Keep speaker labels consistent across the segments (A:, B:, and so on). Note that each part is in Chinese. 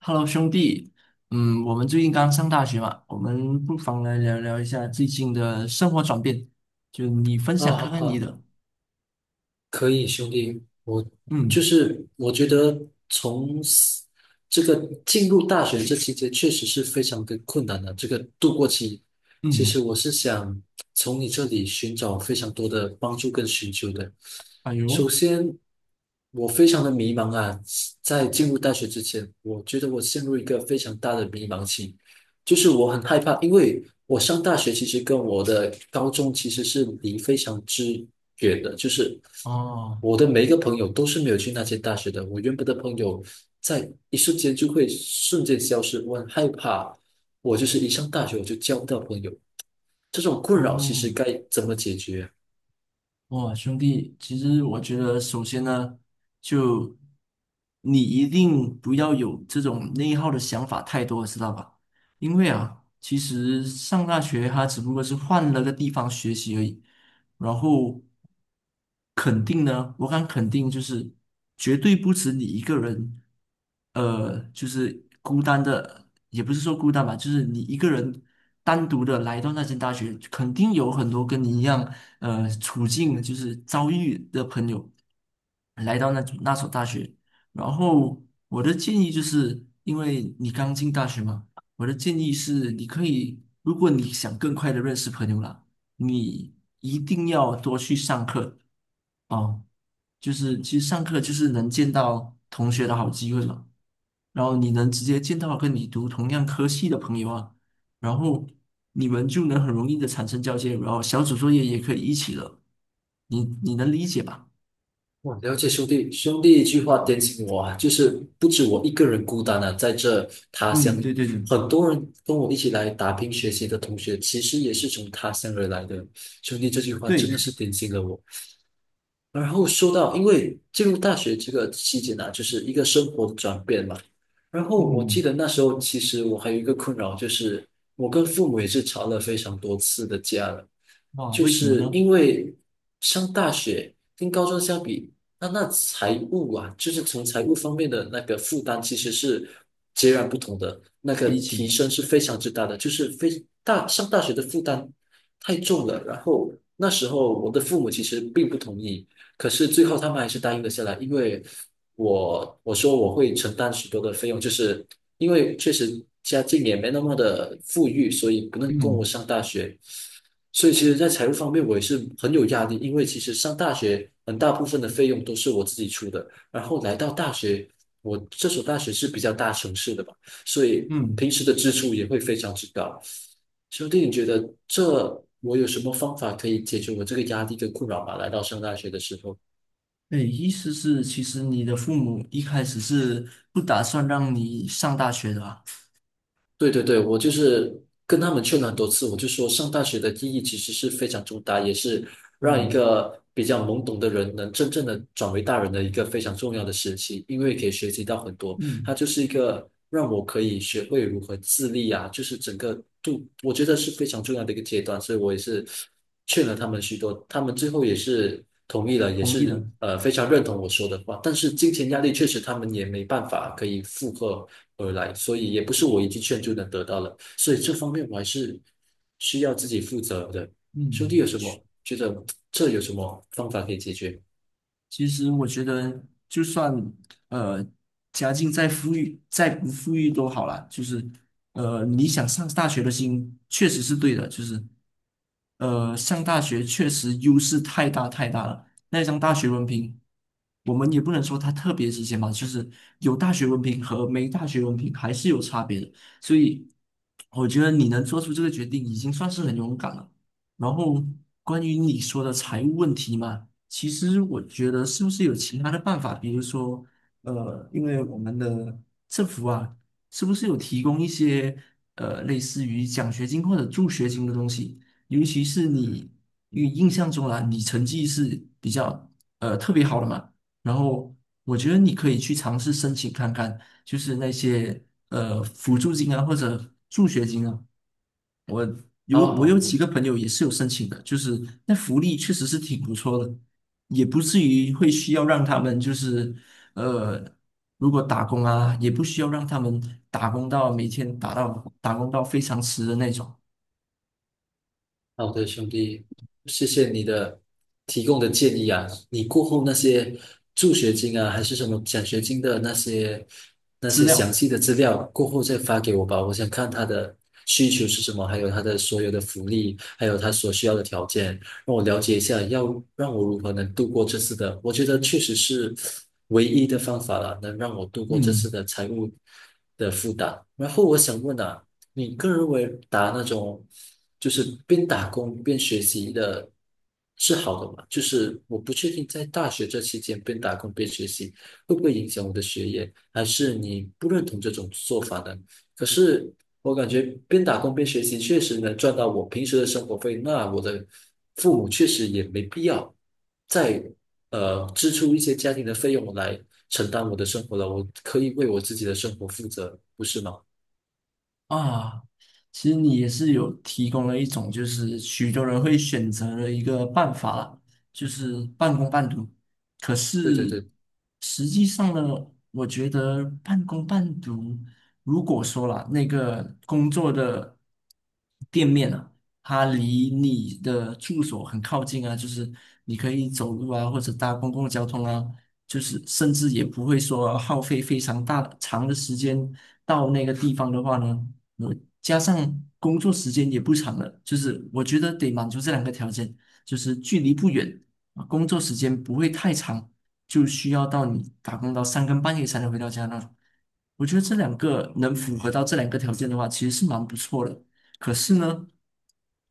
A: Hello，兄弟，我们最近刚上大学嘛，我们不妨来聊聊一下最近的生活转变，就你分
B: 啊，
A: 享看
B: 好
A: 看你
B: 好，
A: 的。
B: 可以，兄弟，我就
A: 嗯
B: 是我觉得从 这个进入大学这期间确实是非常的困难的，这个度过期，其实
A: 嗯。
B: 我是想从你这里寻找非常多的帮助跟寻求的。
A: 哎
B: 首
A: 呦。
B: 先，我非常的迷茫啊，在进入大学之前，我觉得我陷入一个非常大的迷茫期。就是我很害怕，因为我上大学其实跟我的高中其实是离非常之远的，就是
A: 哦
B: 我的每一个朋友都是没有去那些大学的，我原本的朋友在一瞬间就会瞬间消失，我很害怕，我就是一上大学我就交不到朋友，这种困扰其实
A: 哦。
B: 该怎么解决啊？
A: 哇，兄弟，其实我觉得首先呢，就你一定不要有这种内耗的想法太多，知道吧？因为啊，其实上大学它只不过是换了个地方学习而已。然后肯定呢，我敢肯定就是绝对不止你一个人，就是孤单的，也不是说孤单吧，就是你一个人单独的来到那间大学，肯定有很多跟你一样，处境就是遭遇的朋友来到那所大学。然后我的建议就是，因为你刚进大学嘛，我的建议是你可以，如果你想更快的认识朋友啦。你一定要多去上课啊！就是其实上课就是能见到同学的好机会了，然后你能直接见到跟你读同样科系的朋友啊，然后你们就能很容易的产生交接，然后小组作业也可以一起了，你能理解吧？
B: 哇，了解兄弟，兄弟一句话点醒我啊，就是不止我一个人孤单啊，在这他乡，
A: 嗯，对对对
B: 很多人跟我一起来打拼学习的同学，其实也是从他乡而来的。兄弟这句话真的
A: 对。
B: 是点醒了我，然后说到，因为进入大学这个期间呢、就是一个生活的转变嘛。然后我记
A: 嗯。
B: 得那时候，其实我还有一个困扰，就是我跟父母也是吵了非常多次的架了，
A: 哇，
B: 就
A: 为什么
B: 是
A: 呢？
B: 因为上大学跟高中相比，那财务啊，就是从财务方面的那个负担其实是截然不同的，那个
A: 理解。
B: 提升是非常之大的，就是非大上大学的负担太重了。然后那时候我的父母其实并不同意，可是最后他们还是答应了下来，因为我说我会承担许多的费用，就是因为确实家境也没那么的富裕，所以不能供我
A: 嗯
B: 上大学。所以其实，在财务方面我也是很有压力，因为其实上大学很大部分的费用都是我自己出的，然后来到大学，我这所大学是比较大城市的吧，所以
A: 嗯。
B: 平时的支出也会非常之高。兄弟，你觉得这我有什么方法可以解决我这个压力跟困扰吗？来到上大学的时候。
A: 对，意思是其实你的父母一开始是不打算让你上大学的啊。
B: 对对对，我就是跟他们劝了很多次，我就说上大学的意义其实是非常重大，也是让一
A: 嗯
B: 个比较懵懂的人能真正的转为大人的一个非常重要的时期，因为可以学习到很多，它
A: 嗯。
B: 就是一个让我可以学会如何自立啊，就是整个度，我觉得是非常重要的一个阶段，所以我也是劝了他们许多，他们最后也是同意了，也
A: 同意
B: 是
A: 的。
B: 非常认同我说的话，但是金钱压力确实他们也没办法可以负荷。而来，所以也不是我一记劝就能得到了，所以这方面我还是需要自己负责的。兄弟
A: 嗯。
B: 有什么觉得这有什么方法可以解决？
A: 其实我觉得，就算呃家境再富裕，再不富裕都好啦。就是你想上大学的心确实是对的，呃上大学确实优势太大太大了。那张大学文凭，我们也不能说它特别值钱吧。就是有大学文凭和没大学文凭还是有差别的。所以我觉得你能做出这个决定，已经算是很勇敢了。然后关于你说的财务问题嘛。其实我觉得是不是有其他的办法，比如说，因为我们的政府啊，是不是有提供一些类似于奖学金或者助学金的东西？尤其是你，因为印象中啊，你成绩是比较特别好的嘛，然后我觉得你可以去尝试申请看看，就是那些辅助金啊或者助学金啊。
B: 好
A: 我
B: 好
A: 有
B: 好，
A: 几个朋友也是有申请的，就是那福利确实是挺不错的，也不至于会需要让他们呃，如果打工啊，也不需要让他们打工到每天打到打工到非常迟的那种
B: 好的，兄弟，谢谢你的提供的建议啊。你过后那些助学金啊，还是什么奖学金的那些那
A: 资
B: 些详
A: 料。
B: 细的资料，过后再发给我吧。我想看他的需求是什么，还有他的所有的福利，还有他所需要的条件，让我了解一下，要让我如何能度过这次的。我觉得确实是唯一的方法了，能让我度过这次
A: 嗯。
B: 的财务的负担。然后我想问啊。你个人认为打那种就是边打工边学习的是好的吗？就是我不确定在大学这期间边打工边学习会不会影响我的学业，还是你不认同这种做法呢？可是我感觉边打工边学习确实能赚到我平时的生活费，那我的父母确实也没必要再支出一些家庭的费用来承担我的生活了，我可以为我自己的生活负责，不是吗？
A: 啊，其实你也是有提供了一种，就是许多人会选择的一个办法啦，就是半工半读。可
B: 对对
A: 是
B: 对。
A: 实际上呢，我觉得半工半读，如果说啦，那个工作的店面啊，它离你的住所很靠近啊，就是你可以走路啊，或者搭公共交通啊，就是甚至也不会说耗费非常大长的时间到那个地方的话呢。我加上工作时间也不长了，就是我觉得得满足这两个条件，就是距离不远啊工作时间不会太长，就需要到你打工到三更半夜才能回到家那种。我觉得这两个能符合到这两个条件的话，其实是蛮不错的。可是呢，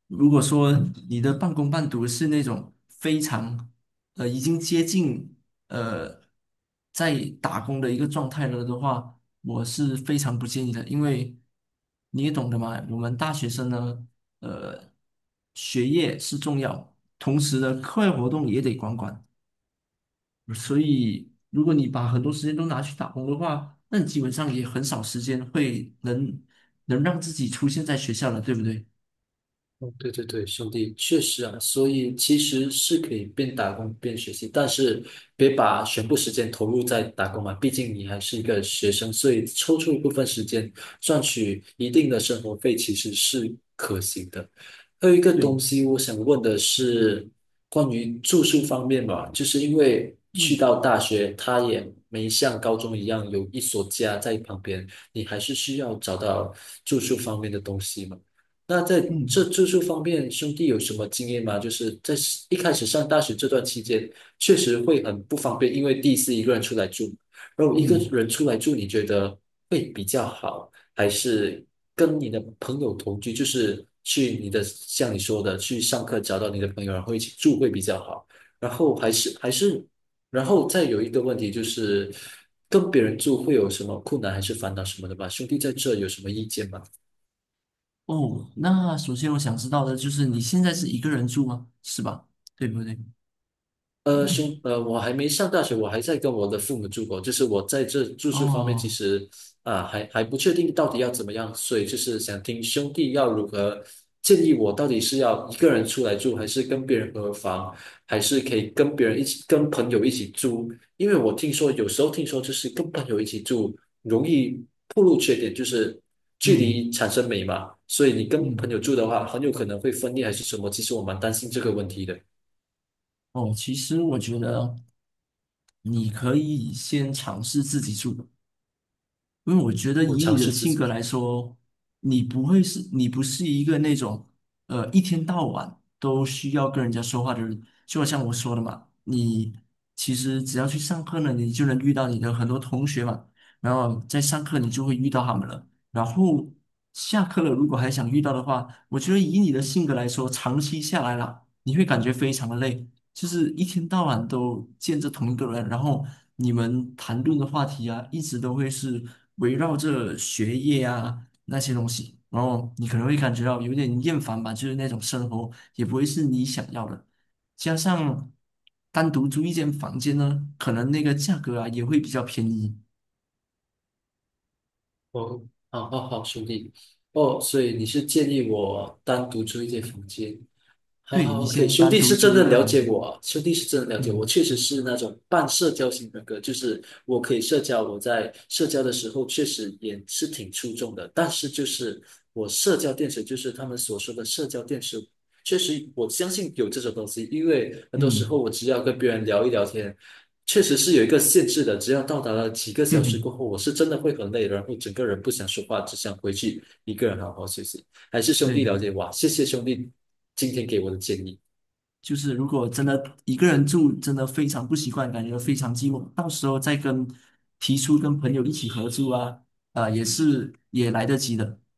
A: 如果说你的半工半读是那种非常已经接近。呃，在打工的一个状态了的话，我是非常不建议的，因为你也懂得嘛，我们大学生呢，呃，学业是重要，同时呢，课外活动也得管管，所以如果你把很多时间都拿去打工的话，那你基本上也很少时间能让自己出现在学校了，对不对？
B: 哦，对对对，兄弟，确实啊，所以其实是可以边打工边学习，但是别把全部时间投入在打工嘛，毕竟你还是一个学生，所以抽出一部分时间赚取一定的生活费其实是可行的。还有一个
A: 对。
B: 东西，我想问的是关于住宿方面吧，就是因为去
A: 嗯
B: 到大学，它也没像高中一样有一所家在旁边，你还是需要找到住宿方面的东西嘛。那在这
A: 嗯
B: 住宿方面，兄弟有什么经验吗？就是在一开始上大学这段期间，确实会很不方便，因为第一次一个人出来住。然后一个
A: 嗯。
B: 人出来住，你觉得会比较好，还是跟你的朋友同居？就是去你的，像你说的，去上课找到你的朋友，然后一起住会比较好。然后还是，然后再有一个问题就是，跟别人住会有什么困难还是烦恼什么的吧？兄弟在这有什么意见吗？
A: 哦，那首先我想知道的就是你现在是一个人住吗？是吧？对不对？
B: 我还没上大学，我还在跟我的父母住过。就是我在这住宿方面，其
A: 哦。
B: 实啊，还不确定到底要怎么样，所以就是想听兄弟要如何建议我，到底是要一个人出来住，还是跟别人合房，还是可以跟别人一起，跟朋友一起住？因为我听说有时候听说就是跟朋友一起住容易暴露缺点，就是距
A: 嗯
B: 离产生美嘛，所以你跟朋
A: 嗯。
B: 友住的话，很有可能会分裂还是什么。其实我蛮担心这个问题的，
A: 哦，其实我觉得你可以先尝试自己住。因为我觉得
B: 我
A: 以
B: 尝
A: 你的
B: 试自
A: 性格
B: 己。
A: 来说，你不是一个那种，一天到晚都需要跟人家说话的人。就好像我说的嘛，你其实只要去上课呢，你就能遇到你的很多同学嘛，然后在上课你就会遇到他们了。然后下课了，如果还想遇到的话，我觉得以你的性格来说，长期下来啦，你会感觉非常的累，就是一天到晚都见着同一个人，然后你们谈论的话题啊，一直都会是围绕着学业啊那些东西，然后你可能会感觉到有点厌烦吧，就是那种生活也不会是你想要的。加上单独租一间房间呢，可能那个价格啊也会比较便宜。
B: 哦，好好好，兄弟，哦，所以你是建议我单独租一间房间，好
A: 对，
B: 好
A: 你
B: ，OK,
A: 先
B: 兄
A: 单
B: 弟
A: 独
B: 是
A: 租
B: 真
A: 一
B: 的
A: 个
B: 了
A: 房
B: 解
A: 间。
B: 我啊，兄弟是真的了解我，
A: 嗯
B: 确实是那种半社交型人格，就是我可以社交，我在社交的时候确实也是挺出众的，但是就是我社交电池，就是他们所说的社交电池，确实我相信有这种东西，因为很多时候
A: 嗯。
B: 我只要跟别人聊一聊天，确实是有一个限制的，只要到达了几个
A: 哼
B: 小时
A: 哼。
B: 过后，我是真的会很累，然后整个人不想说话，只想回去一个人好好休息。还是兄弟
A: 对。
B: 了解哇，谢谢兄弟今天给我的建议，
A: 就是如果真的一个人住，真的非常不习惯，感觉非常寂寞。到时候再跟提出跟朋友一起合租啊，啊、也是也来得及的。